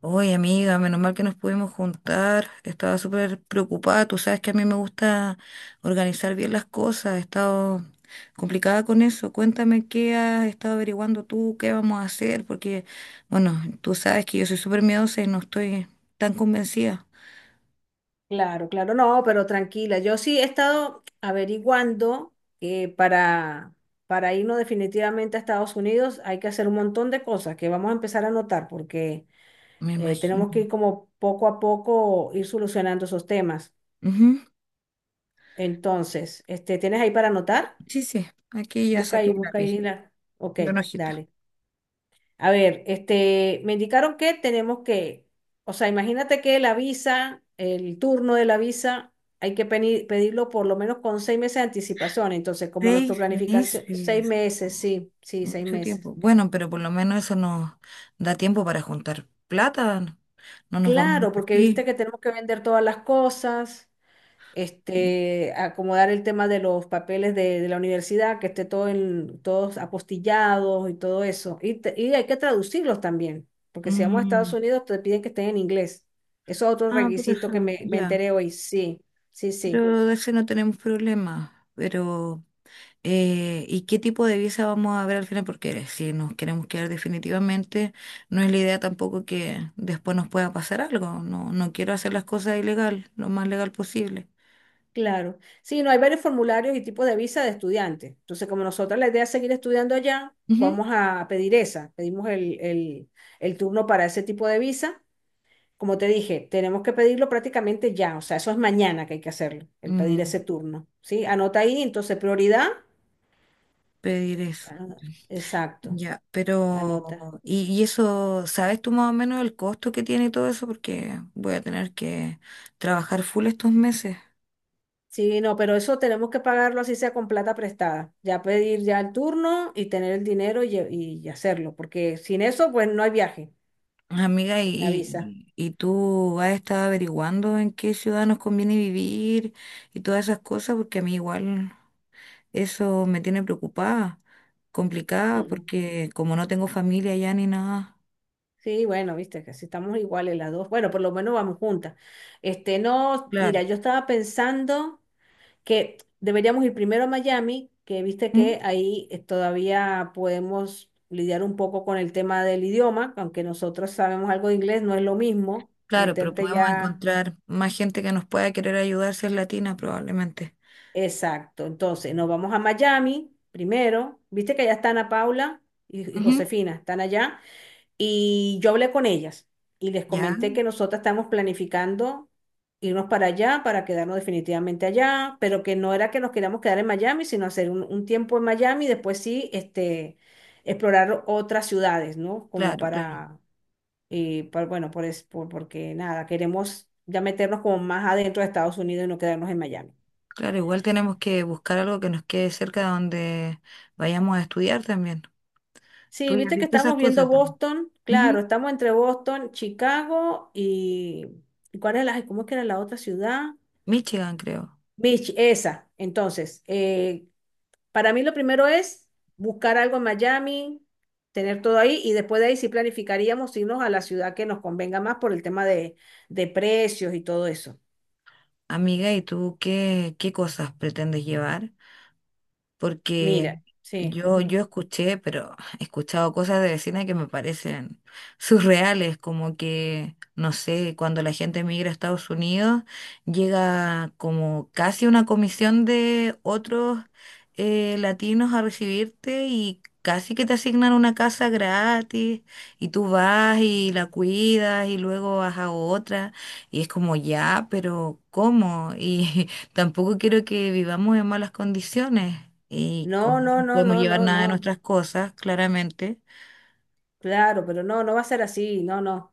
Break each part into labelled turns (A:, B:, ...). A: Oye, amiga, menos mal que nos pudimos juntar. Estaba súper preocupada. Tú sabes que a mí me gusta organizar bien las cosas. He estado complicada con eso. Cuéntame qué has estado averiguando tú, qué vamos a hacer, porque, bueno, tú sabes que yo soy súper miedosa y no estoy tan convencida.
B: Claro, claro, no, pero tranquila. Yo sí he estado averiguando que para irnos definitivamente a Estados Unidos hay que hacer un montón de cosas que vamos a empezar a notar porque
A: Me imagino.
B: tenemos que ir como poco a poco ir solucionando esos temas.
A: Ujú.
B: Entonces, este, ¿tienes ahí para anotar?
A: Sí, sí, aquí ya saqué un
B: Busca ahí
A: lápiz
B: la. Ok,
A: y una hojita.
B: dale. A ver, este, me indicaron que tenemos que, o sea, imagínate que la visa, el turno de la visa, hay que pedirlo por lo menos con seis meses de anticipación. Entonces, como
A: Seis
B: nuestra planificación, seis
A: meses.
B: meses, sí, sí, seis
A: Mucho
B: meses.
A: tiempo. Bueno, pero por lo menos eso nos da tiempo para juntar plata, ¿no? No nos vamos a ir
B: Claro, porque viste
A: así.
B: que tenemos que vender todas las cosas.
A: Sí.
B: Este, acomodar el tema de los papeles de la universidad, que esté todo en, todos apostillados y todo eso. Y hay que traducirlos también, porque si vamos a Estados
A: Mm,
B: Unidos te piden que estén en inglés. Eso es otro
A: Ah, por
B: requisito que
A: eso,
B: me
A: ya.
B: enteré hoy. Sí, sí, sí.
A: Pero de ese no tenemos problema. Pero, ¿y qué tipo de visa vamos a ver al final? Porque si nos queremos quedar definitivamente, no es la idea tampoco que después nos pueda pasar algo. No, no quiero hacer las cosas ilegal, lo más legal posible.
B: Claro. Sí, no hay varios formularios y tipos de visa de estudiante. Entonces, como nosotros la idea es seguir estudiando allá,
A: Ujú.
B: vamos a pedir esa. Pedimos el turno para ese tipo de visa. Como te dije, tenemos que pedirlo prácticamente ya, o sea, eso es mañana que hay que hacerlo, el
A: Mm,
B: pedir ese turno, ¿sí? Anota ahí, entonces prioridad.
A: pedir eso.
B: ah, Exacto,
A: Ya,
B: anota.
A: pero, y eso, ¿sabes tú más o menos el costo que tiene todo eso? Porque voy a tener que trabajar full estos meses.
B: Sí, no, pero eso tenemos que pagarlo así sea con plata prestada. Ya pedir ya el turno y tener el dinero y hacerlo, porque sin eso, pues no hay viaje,
A: Amiga, ¿y,
B: sin la visa.
A: y, y tú has estado averiguando en qué ciudad nos conviene vivir y todas esas cosas? Porque a mí igual eso me tiene preocupada, complicada,
B: Mm.
A: porque como no tengo familia allá ni nada.
B: Sí, bueno, viste que si estamos iguales las dos, bueno, por lo menos vamos juntas. Este, no,
A: Claro.
B: mira, yo estaba pensando que deberíamos ir primero a Miami, que viste
A: ¿Mm?
B: que ahí todavía podemos lidiar un poco con el tema del idioma, aunque nosotros sabemos algo de inglés, no es lo mismo
A: Claro, pero
B: meterte
A: podemos
B: ya.
A: encontrar más gente que nos pueda querer ayudar si es latina probablemente.
B: Exacto. Entonces, nos vamos a Miami primero. Viste que allá están Ana Paula y
A: Ujú.
B: Josefina, están allá. Y yo hablé con ellas y les
A: Ya,
B: comenté que nosotras estamos planificando irnos para allá, para quedarnos definitivamente allá, pero que no era que nos queríamos quedar en Miami, sino hacer un tiempo en Miami y después sí, este, explorar otras ciudades, ¿no? Como
A: claro, claro.
B: para, y bueno, porque nada, queremos ya meternos como más adentro de Estados Unidos y no quedarnos en Miami.
A: Claro, igual tenemos que buscar algo que nos quede cerca de donde vayamos a estudiar también. Tú
B: Sí,
A: ya has
B: viste que
A: visto esas
B: estamos viendo
A: cosas también.
B: Boston, claro,
A: Ujú.
B: estamos entre Boston, Chicago y... ¿Cuál era la, ay, cómo es que era la otra ciudad?
A: Michigan, creo.
B: Beach, esa. Entonces, para mí lo primero es buscar algo en Miami, tener todo ahí y después de ahí sí planificaríamos irnos a la ciudad que nos convenga más por el tema de precios y todo eso.
A: Amiga, ¿y tú qué, qué cosas pretendes llevar? Porque
B: Mira, sí,
A: yo,
B: ujú.
A: yo escuché, pero he escuchado cosas de vecinas que me parecen surreales, como que, no sé, cuando la gente migra a Estados Unidos, llega como casi una comisión de otros latinos a recibirte y casi que te asignan una casa gratis y tú vas y la cuidas y luego vas a otra y es como ya, pero ¿cómo? Y tampoco quiero que vivamos en malas condiciones y
B: No,
A: como
B: no,
A: no
B: no,
A: podemos
B: no,
A: llevar
B: no,
A: nada de
B: no.
A: nuestras cosas, claramente.
B: Claro, pero no, no va a ser así. No, no.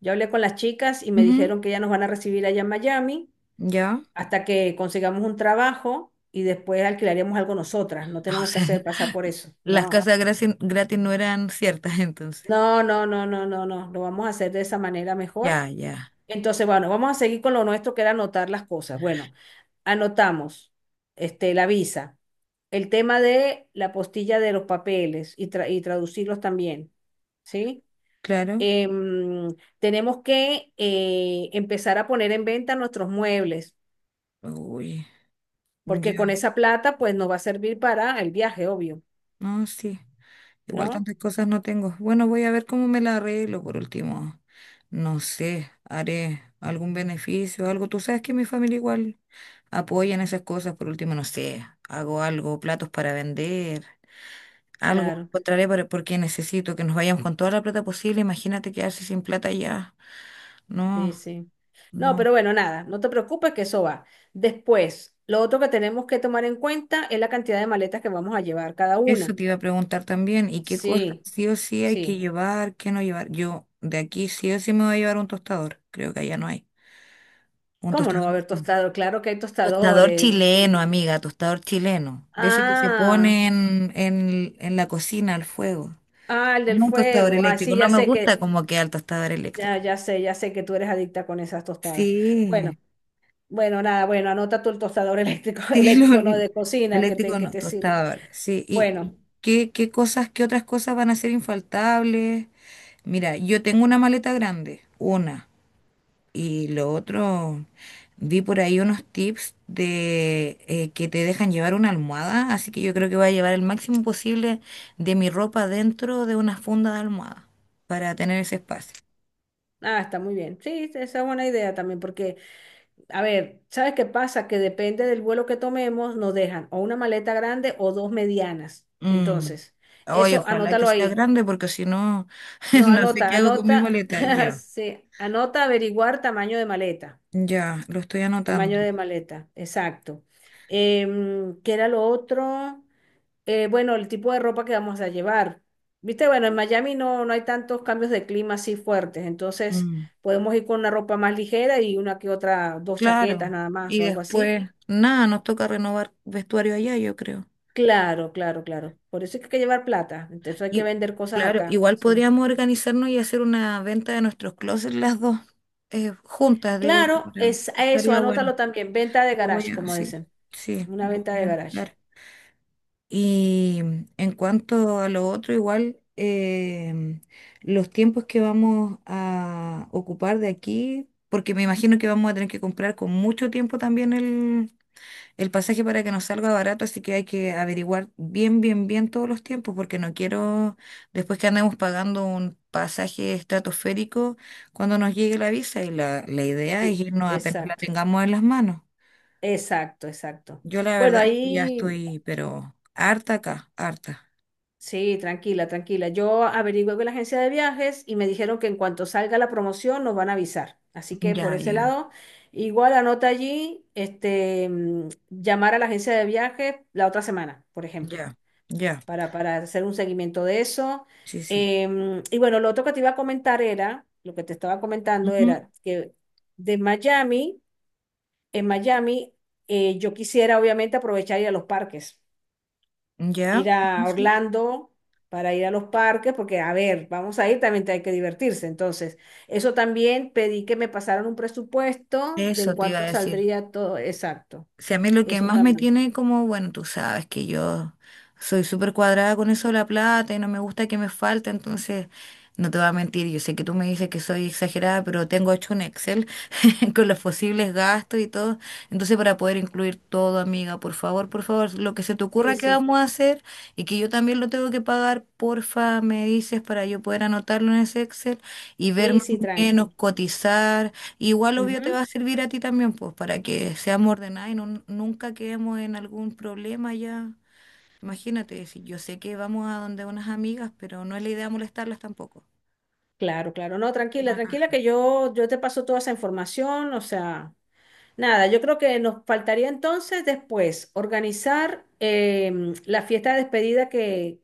B: Yo hablé con las chicas y me dijeron
A: Ujú.
B: que ya nos van a recibir allá en Miami
A: ¿Ya?
B: hasta que consigamos un trabajo y después alquilaríamos algo nosotras. No
A: Ah, o
B: tenemos que
A: sea,
B: hacer pasar por eso.
A: las
B: No.
A: casas gratis, gratis no eran ciertas entonces.
B: No, no, no, no, no, no, lo vamos a hacer de esa manera mejor.
A: Ya, ya,
B: Entonces, bueno, vamos a seguir con lo nuestro que era anotar las cosas. Bueno, anotamos este, la visa, el tema de la postilla de los papeles y, y traducirlos también, ¿sí?
A: claro.
B: Em, Tenemos que empezar a poner en venta nuestros muebles,
A: Uy,
B: porque
A: ya,
B: con esa plata, pues nos va a servir para el viaje, obvio,
A: no, sí. Igual
B: ¿no?
A: tantas cosas no tengo. Bueno, voy a ver cómo me la arreglo por último. No sé, haré algún beneficio, algo. Tú sabes que mi familia igual apoya en esas cosas. Por último, no sé, hago algo, platos para vender. Algo
B: Claro.
A: encontraré para- porque necesito que nos vayamos con toda la plata posible. Imagínate quedarse sin plata ya.
B: Sí,
A: No,
B: sí. No, pero
A: no.
B: bueno, nada, no te preocupes que eso va. Después, lo otro que tenemos que tomar en cuenta es la cantidad de maletas que vamos a llevar cada
A: Eso
B: una.
A: te iba a preguntar también. ¿Y qué cosas
B: Sí,
A: sí o sí hay que
B: sí.
A: llevar, qué no llevar? Yo de aquí sí o sí me voy a llevar un tostador. Creo que allá no hay. Un
B: ¿Cómo no va
A: tostador.
B: a haber tostador? Claro que hay
A: Tostador
B: tostadores,
A: chileno,
B: imagínate.
A: amiga, tostador chileno. De ese que se
B: Ah,
A: pone en la cocina al fuego.
B: ah, el del
A: No un tostador
B: fuego. Ah,
A: eléctrico.
B: sí,
A: No
B: ya
A: me
B: sé
A: gusta
B: que,
A: como queda el tostador
B: ya,
A: eléctrico.
B: ya sé que tú eres adicta con esas tostadas.
A: Sí.
B: Bueno, bueno, nada, bueno, anota tú el tostador eléctrico,
A: Sí, no,
B: eléctrico no
A: no,
B: de cocina
A: eléctrico
B: que
A: no,
B: te sirve.
A: tostadora, sí. ¿Y
B: Bueno,
A: qué, qué cosas, qué otras cosas van a ser infaltables? Mira, yo tengo una maleta grande, una, y lo otro, vi por ahí unos tips de que te dejan llevar una almohada, así que yo creo que voy a llevar el máximo posible de mi ropa dentro de una funda de almohada para tener ese espacio.
B: ah, está muy bien. Sí, esa es buena idea también, porque a ver, ¿sabes qué pasa? Que depende del vuelo que tomemos, nos dejan o una maleta grande o dos medianas.
A: Mm.
B: Entonces,
A: Ay,
B: eso
A: ojalá que
B: anótalo
A: sea
B: ahí.
A: grande porque si no,
B: No,
A: no sé qué hago con mi
B: anota,
A: maleta, ya.
B: sí, anota averiguar tamaño de maleta.
A: Ya, lo estoy anotando.
B: Tamaño de maleta, exacto. ¿Qué era lo otro? Bueno, el tipo de ropa que vamos a llevar. Viste, bueno, en Miami no hay tantos cambios de clima así fuertes, entonces
A: Mm,
B: podemos ir con una ropa más ligera y una que otra, dos chaquetas
A: claro.
B: nada más
A: Y
B: o algo así.
A: después, nada, nos toca renovar vestuario allá, yo creo.
B: Claro, claro, claro. Por eso es que hay que llevar plata. Entonces hay que
A: Y
B: vender cosas
A: claro,
B: acá.
A: igual
B: Sí.
A: podríamos organizarnos y hacer una venta de nuestros closets las dos juntas, digo yo,
B: Claro,
A: para-
B: es eso,
A: estaría
B: anótalo
A: bueno.
B: también. Venta de
A: Lo voy
B: garage,
A: a,
B: como
A: sí,
B: dicen.
A: sí,
B: Una
A: lo
B: venta
A: voy a
B: de garage.
A: anotar. Y en cuanto a lo otro, igual los tiempos que vamos a ocupar de aquí, porque me imagino que vamos a tener que comprar con mucho tiempo también el pasaje para que nos salga barato, así que hay que averiguar bien, bien, bien todos los tiempos, porque no quiero, después que andemos pagando un pasaje estratosférico, cuando nos llegue la visa, y la idea
B: E-
A: es irnos apenas la
B: Exacto,
A: tengamos en las manos.
B: exacto, exacto.
A: Yo la
B: Bueno,
A: verdad es que ya
B: ahí
A: estoy, pero harta acá, harta.
B: sí, tranquila, tranquila. Yo averigué con la agencia de viajes y me dijeron que en cuanto salga la promoción nos van a avisar. Así que por
A: Ya,
B: ese
A: ya,
B: lado, igual anota allí, este, mm, llamar a la agencia de viajes la otra semana, por ejemplo.
A: ya, ya,
B: Para hacer un seguimiento de eso.
A: sí, sí.
B: Em, y bueno, lo otro que te iba a comentar era, lo que te estaba comentando
A: Ujú,
B: era que de Miami, en Miami, yo quisiera obviamente aprovechar ir a los parques,
A: ya,
B: ir
A: sí,
B: a
A: sí.
B: Orlando para ir a los parques, porque a ver, vamos a ir, también te hay que divertirse. Entonces, eso también pedí que me pasaran un presupuesto de en
A: Eso te iba a
B: cuánto
A: decir.
B: saldría todo, exacto,
A: Si a mí lo que
B: eso
A: más me
B: también.
A: tiene como, bueno, tú sabes que yo soy súper cuadrada con eso de la plata y no me gusta que me falte, entonces no te voy a mentir, yo sé que tú me dices que soy exagerada, pero tengo hecho un Excel con los posibles gastos y todo. Entonces, para poder incluir todo, amiga, por favor, lo que se te
B: Sí,
A: ocurra que
B: sí,
A: vamos a hacer y que yo también lo tengo que pagar, porfa, me dices para yo poder anotarlo en ese Excel y ver
B: sí,
A: más
B: sí,
A: o menos,
B: tranqui.
A: cotizar. Igual, obvio, te va
B: Ujú.
A: a servir a ti también, pues, para que seamos ordenados y no- nunca quedemos en algún problema ya. Imagínate, si yo sé que vamos a donde unas amigas, pero no es la idea molestarlas tampoco.
B: Claro, claro. No, tranquila,
A: Una
B: tranquila,
A: cara.
B: que yo te paso toda esa información. O sea, nada, yo creo que nos faltaría entonces después organizar em, la fiesta de despedida que,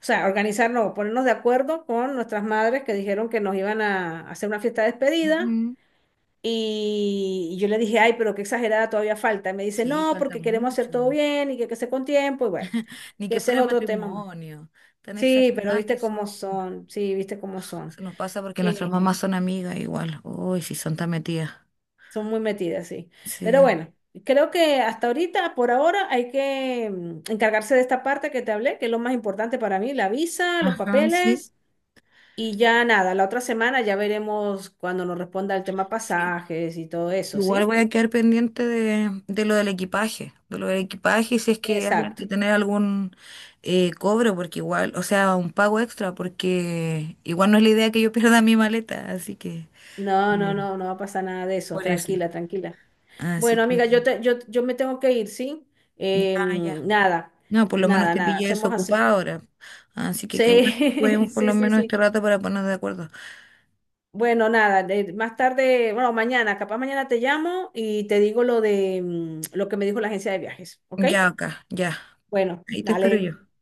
B: o sea, organizar, no, ponernos de acuerdo con nuestras madres que dijeron que nos iban a hacer una fiesta de despedida.
A: Ujú.
B: Y yo le dije, ay, pero qué exagerada todavía falta. Y me dice,
A: Sí,
B: no,
A: falta
B: porque queremos hacer todo
A: mucho.
B: bien que sea con tiempo. Y bueno,
A: Ni
B: que
A: que
B: ese es
A: fuera
B: otro tema más.
A: matrimonio. Tan
B: Sí, pero
A: exageradas que
B: viste cómo
A: son.
B: son, sí, viste cómo son.
A: Se nos pasa porque nuestras
B: Em,
A: mamás son amigas igual. Uy, si son tan metidas.
B: son muy metidas, sí. Pero
A: Sí.
B: bueno, creo que hasta ahorita, por ahora, hay que mm, encargarse de esta parte que te hablé, que es lo más importante para mí, la visa, los
A: Ajá, sí.
B: papeles y ya nada, la otra semana ya veremos cuando nos responda el tema
A: Sí.
B: pasajes y todo eso,
A: Igual
B: ¿sí?
A: voy a quedar pendiente de lo del equipaje. De lo del equipaje, y si es que hay
B: Exacto.
A: que tener algún cobro, porque igual, o sea, un pago extra, porque igual no es la idea que yo pierda mi maleta. Así que,
B: No, no,
A: eh,
B: no, no va a pasar nada de eso,
A: por eso.
B: tranquila, tranquila.
A: Así
B: Bueno,
A: que,
B: amiga, yo me tengo que ir, ¿sí?
A: ya,
B: Em,
A: ya. No, por lo menos te
B: nada,
A: pillé
B: hacemos así.
A: desocupada ahora. Así que qué bueno que
B: Sí,
A: podemos por
B: sí,
A: lo
B: sí,
A: menos este
B: sí.
A: rato para ponernos de acuerdo.
B: Bueno, nada, más tarde, bueno, mañana, capaz mañana te llamo y te digo lo de mm, lo que me dijo la agencia de viajes, ¿ok?
A: Ya acá, ya.
B: Bueno,
A: Ahí te espero
B: dale.
A: yo.
B: Chao.